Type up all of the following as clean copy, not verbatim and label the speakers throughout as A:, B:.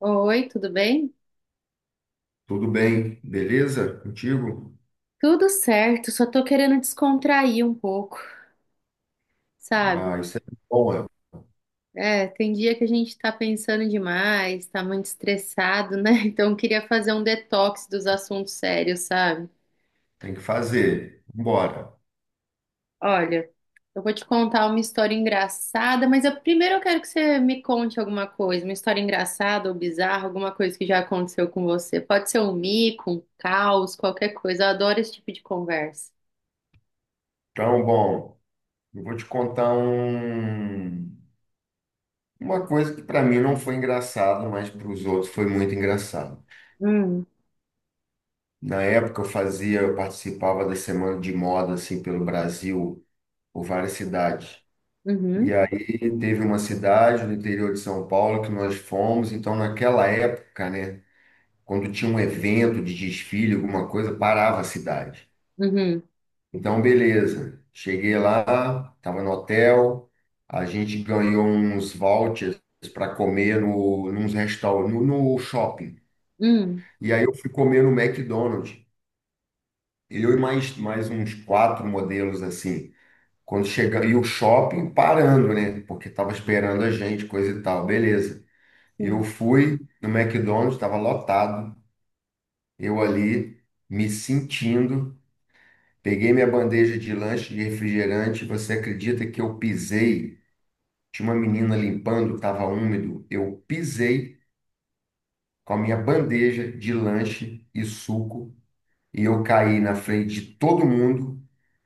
A: Oi, tudo bem?
B: Tudo bem, beleza? Contigo?
A: Tudo certo, só tô querendo descontrair um pouco,
B: Ah,
A: sabe?
B: isso é bom, é.
A: É, tem dia que a gente tá pensando demais, tá muito estressado, né? Então eu queria fazer um detox dos assuntos sérios, sabe?
B: Tem que fazer. Bora.
A: Olha, eu vou te contar uma história engraçada, mas primeiro eu quero que você me conte alguma coisa, uma história engraçada ou bizarra, alguma coisa que já aconteceu com você. Pode ser um mico, um caos, qualquer coisa. Eu adoro esse tipo de conversa.
B: Então, bom, eu vou te contar um, uma coisa que para mim não foi engraçado, mas para os outros foi muito engraçado.
A: Hum,
B: Na época eu participava da semana de moda assim pelo Brasil, por várias cidades. E
A: uhum,
B: aí teve uma cidade no interior de São Paulo que nós fomos, então naquela época, né, quando tinha um evento de desfile, alguma coisa, parava a cidade.
A: uhum,
B: Então, beleza. Cheguei lá, estava no hotel, a gente ganhou uns vouchers para comer nos restaurantes, no shopping.
A: hum.
B: E aí eu fui comer no McDonald's. Eu e mais uns quatro modelos assim. Quando chega, e o shopping parando, né? Porque estava esperando a gente, coisa e tal. Beleza. Eu
A: Sim.
B: fui no McDonald's, estava lotado. Eu ali me sentindo. Peguei minha bandeja de lanche de refrigerante. Você acredita que eu pisei? Tinha uma menina limpando, estava úmido. Eu pisei com a minha bandeja de lanche e suco e eu caí na frente de todo mundo.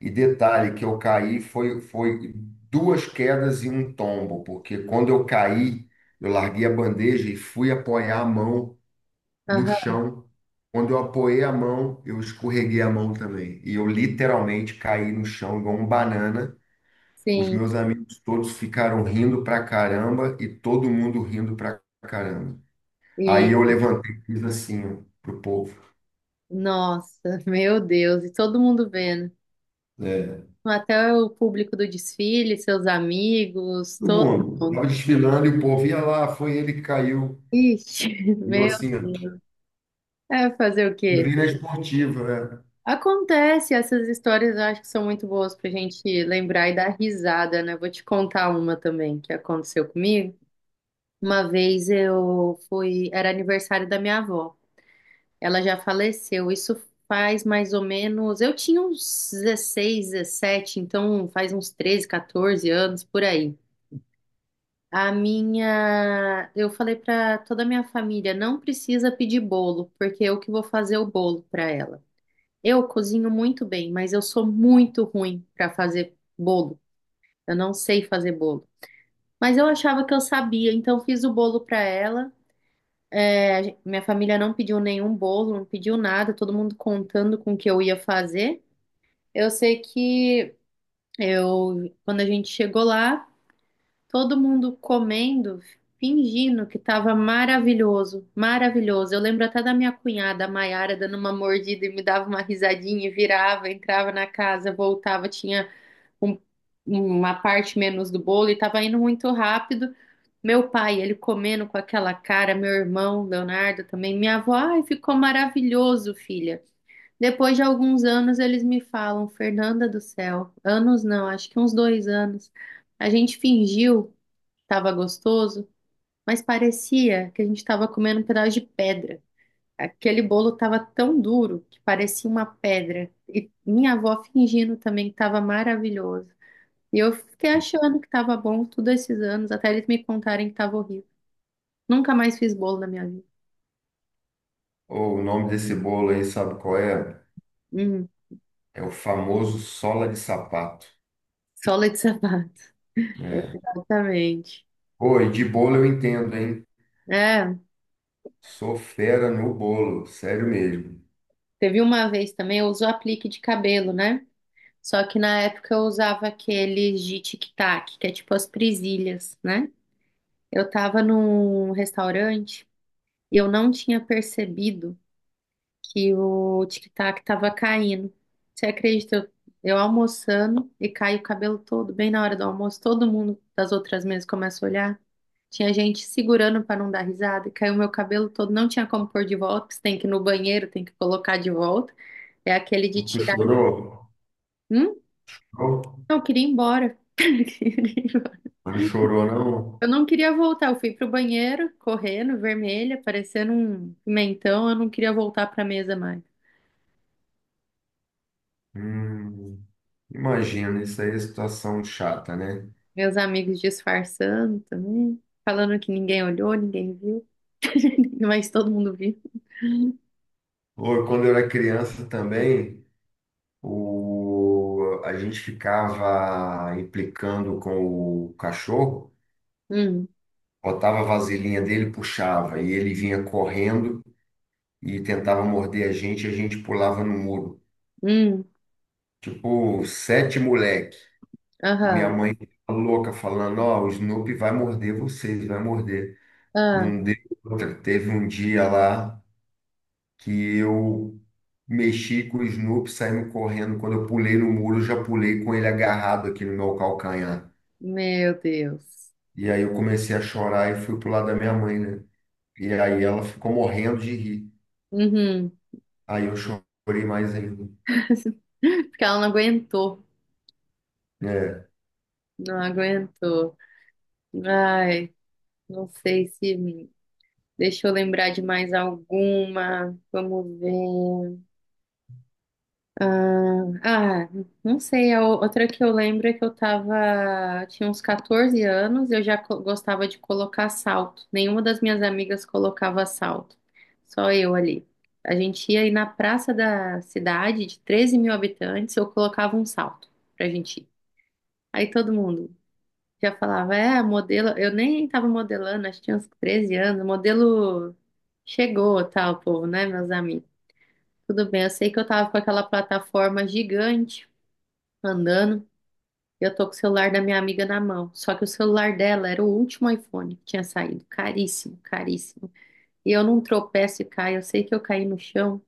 B: E detalhe que eu caí foi duas quedas e um tombo, porque quando eu caí, eu larguei a bandeja e fui apoiar a mão no
A: Aham,
B: chão. Quando eu apoiei a mão, eu escorreguei a mão também. E eu literalmente caí no chão igual um banana. Os
A: sim.
B: meus amigos todos ficaram rindo pra caramba e todo mundo rindo pra caramba.
A: E,
B: Aí eu levantei e fiz assim, ó, pro povo.
A: nossa, meu Deus, e todo mundo vendo.
B: É,
A: Até o público do desfile, seus amigos,
B: todo
A: todo
B: mundo.
A: mundo.
B: Tava desfilando e o povo ia lá, foi ele que caiu.
A: Ixi,
B: E eu
A: meu
B: assim, ó,
A: Deus. É fazer o
B: e
A: quê?
B: vi na esportiva, né?
A: Acontece, essas histórias eu acho que são muito boas pra gente lembrar e dar risada, né? Vou te contar uma também que aconteceu comigo. Uma vez eu fui, era aniversário da minha avó. Ela já faleceu. Isso faz mais ou menos. Eu tinha uns 16, 17. Então faz uns 13, 14 anos por aí. A minha. Eu falei para toda a minha família: não precisa pedir bolo, porque eu que vou fazer o bolo para ela. Eu cozinho muito bem, mas eu sou muito ruim para fazer bolo. Eu não sei fazer bolo. Mas eu achava que eu sabia, então fiz o bolo para ela. É, a minha família não pediu nenhum bolo, não pediu nada, todo mundo contando com o que eu ia fazer. Eu sei que eu, quando a gente chegou lá, todo mundo comendo, fingindo que estava maravilhoso, maravilhoso. Eu lembro até da minha cunhada, a Maiara, dando uma mordida e me dava uma risadinha, e virava, entrava na casa, voltava, tinha um- uma parte menos do bolo e tava indo muito rápido. Meu pai, ele comendo com aquela cara, meu irmão, Leonardo também, minha avó, ai, ficou maravilhoso, filha. Depois de alguns anos, eles me falam, Fernanda do céu, anos não, acho que uns dois anos. A gente fingiu que tava gostoso, mas parecia que a gente tava comendo um pedaço de pedra. Aquele bolo tava tão duro que parecia uma pedra. E minha avó fingindo também que tava maravilhoso. E eu fiquei achando que tava bom todos esses anos, até eles me contarem que tava horrível. Nunca mais fiz bolo na minha vida.
B: Ô, o nome desse bolo aí, sabe qual é?
A: Hum,
B: É o famoso sola de sapato.
A: sola de sapato.
B: É.
A: Exatamente.
B: Oi, de bolo eu entendo, hein?
A: É,
B: Sou fera no bolo, sério mesmo.
A: teve uma vez também, eu uso aplique de cabelo, né? Só que na época eu usava aqueles de tic-tac, que é tipo as presilhas, né? Eu tava num restaurante e eu não tinha percebido que o tic-tac tava caindo. Você acredita? Eu almoçando e cai o cabelo todo, bem na hora do almoço, todo mundo das outras mesas começa a olhar. Tinha gente segurando para não dar risada, e caiu meu cabelo todo, não tinha como pôr de volta, porque você tem que ir no banheiro, tem que colocar de volta. É aquele
B: E
A: de
B: tu
A: tirar.
B: chorou?
A: Hum?
B: Chorou?
A: Não, eu queria ir embora.
B: Não chorou, não?
A: Eu não queria voltar, eu fui pro banheiro, correndo, vermelha, parecendo um pimentão, eu não queria voltar pra mesa mais.
B: Hum, imagina, isso aí é situação chata, né?
A: Meus amigos disfarçando também, falando que ninguém olhou, ninguém viu, mas todo mundo viu.
B: Ou quando eu era criança também, a gente ficava implicando com o cachorro,
A: Hum,
B: botava a vasilhinha dele, puxava, e ele vinha correndo e tentava morder a gente, e a gente pulava no muro.
A: hum,
B: Tipo, sete moleque. E minha
A: aham,
B: mãe ficava louca, falando, ó, o Snoopy vai morder vocês, vai morder.
A: ah,
B: Não deu outra. Teve um dia lá, que eu mexi com o Snoop, saímos correndo. Quando eu pulei no muro, eu já pulei com ele agarrado aqui no meu calcanhar.
A: meu Deus.
B: E aí eu comecei a chorar e fui pro lado da minha mãe, né? E aí ela ficou morrendo de rir.
A: Uhum.
B: Aí eu chorei mais ainda.
A: Porque ela não aguentou,
B: É.
A: não aguentou. Ai, não sei se deixa eu lembrar de mais alguma. Vamos ver. Ah, ah, não sei, a outra que eu lembro é que eu tava, tinha uns 14 anos, eu já gostava de colocar salto. Nenhuma das minhas amigas colocava salto, só eu ali. A gente ia ir na praça da cidade, de 13 mil habitantes, eu colocava um salto pra gente ir. Aí todo mundo já falava, é, modelo, eu nem tava modelando, acho que tinha uns 13 anos, o modelo chegou, tal, povo, né, meus amigos? Tudo bem, eu sei que eu tava com aquela plataforma gigante andando. Eu tô com o celular da minha amiga na mão. Só que o celular dela era o último iPhone que tinha saído. Caríssimo, caríssimo. E eu não tropeço e caio. Eu sei que eu caí no chão.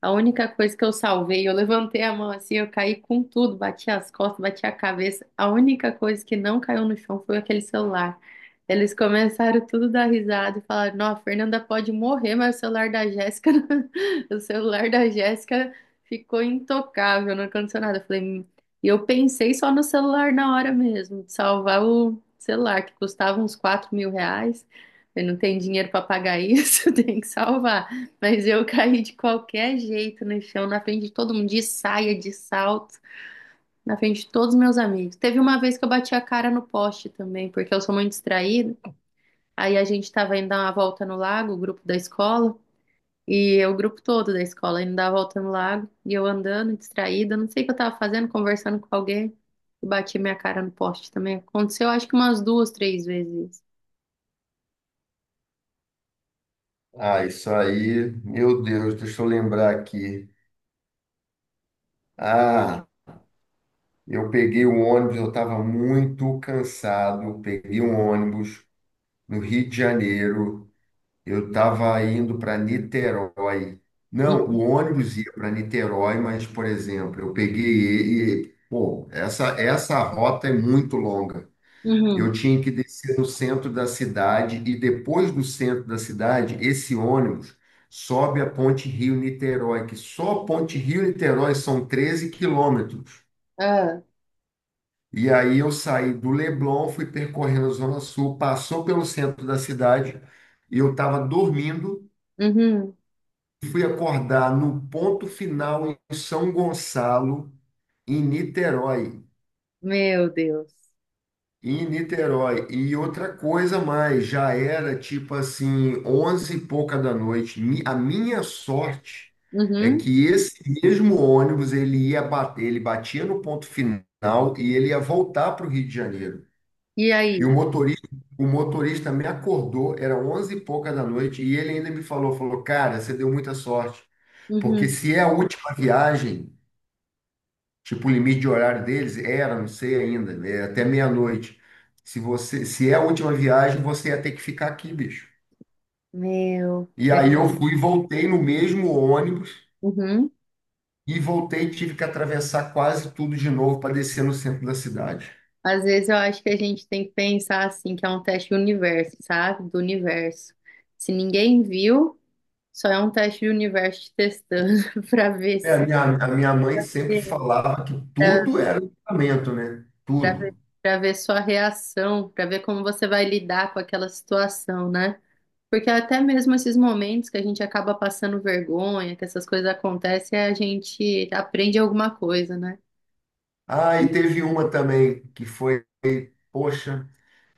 A: A única coisa que eu salvei, eu levantei a mão assim, eu caí com tudo, bati as costas, bati a cabeça. A única coisa que não caiu no chão foi aquele celular. Eles começaram tudo a dar risada e falaram: Não, a Fernanda pode morrer, mas o celular da Jéssica, o celular da Jéssica ficou intocável, não aconteceu nada. Eu falei." E eu pensei só no celular na hora mesmo, de salvar o celular, que custava uns 4 mil reais. Eu não tenho dinheiro para pagar isso, tem que salvar. Mas eu caí de qualquer jeito no chão, na frente de todo mundo, de saia, de salto, na frente de todos os meus amigos. Teve uma vez que eu bati a cara no poste também, porque eu sou muito distraída. Aí a gente tava indo dar uma volta no lago, o grupo da escola, e eu, o grupo todo da escola, indo dar a volta no lago, e eu andando, distraída, não sei o que eu tava fazendo, conversando com alguém, e bati minha cara no poste também. Aconteceu acho que umas duas, três vezes.
B: Ah, isso aí, meu Deus, deixa eu lembrar aqui. Ah, eu peguei o ônibus, eu estava muito cansado. Peguei um ônibus no Rio de Janeiro. Eu estava indo para Niterói. Não, o ônibus ia para Niterói, mas, por exemplo, eu peguei ele e, pô, essa rota é muito longa. Eu
A: Uhum.
B: tinha que descer no centro da cidade e depois do centro da cidade, esse ônibus sobe a Ponte Rio-Niterói, que só a Ponte Rio-Niterói são 13 quilômetros.
A: Ah,
B: E aí eu saí do Leblon, fui percorrendo a Zona Sul, passou pelo centro da cidade e eu estava dormindo,
A: uhum.
B: fui acordar no ponto final em São Gonçalo, em Niterói.
A: Meu Deus.
B: Em Niterói. E outra coisa mais, já era tipo assim, onze e pouca da noite. A minha sorte é
A: Uhum.
B: que esse mesmo ônibus, ele ia bater, ele batia no ponto final e ele ia voltar para o Rio de Janeiro.
A: E
B: E
A: aí?
B: o motorista me acordou, era onze e pouca da noite, e ele ainda me falou, falou, cara, você deu muita sorte. Porque
A: Uhum.
B: se é a última viagem, tipo, o limite de horário deles era, não sei ainda, né, até meia-noite. Se você, se é a última viagem, você ia ter que ficar aqui, bicho.
A: Meu.
B: E
A: É.
B: aí eu fui, e voltei no mesmo ônibus
A: Uhum.
B: e voltei, e tive que atravessar quase tudo de novo para descer no centro da cidade.
A: Às vezes eu acho que a gente tem que pensar assim, que é um teste do universo, sabe? Do universo. Se ninguém viu, só é um teste do universo te testando para ver
B: É,
A: se
B: a minha mãe sempre falava que
A: para
B: tudo era livramento, né?
A: pra ver,
B: Tudo.
A: pra ver sua reação, para ver como você vai lidar com aquela situação, né? Porque até mesmo esses momentos que a gente acaba passando vergonha, que essas coisas acontecem, a gente aprende alguma coisa, né?
B: Ah, e teve uma também que foi, poxa,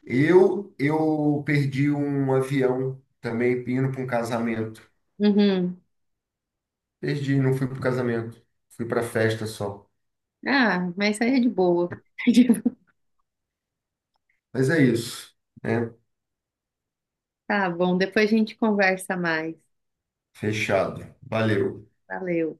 B: eu perdi um avião também indo para um casamento.
A: Uhum.
B: Perdi, não fui pro casamento. Fui pra festa só.
A: Ah, mas isso aí é de boa.
B: Mas é isso, né?
A: Tá bom, depois a gente conversa mais.
B: Fechado. Valeu.
A: Valeu.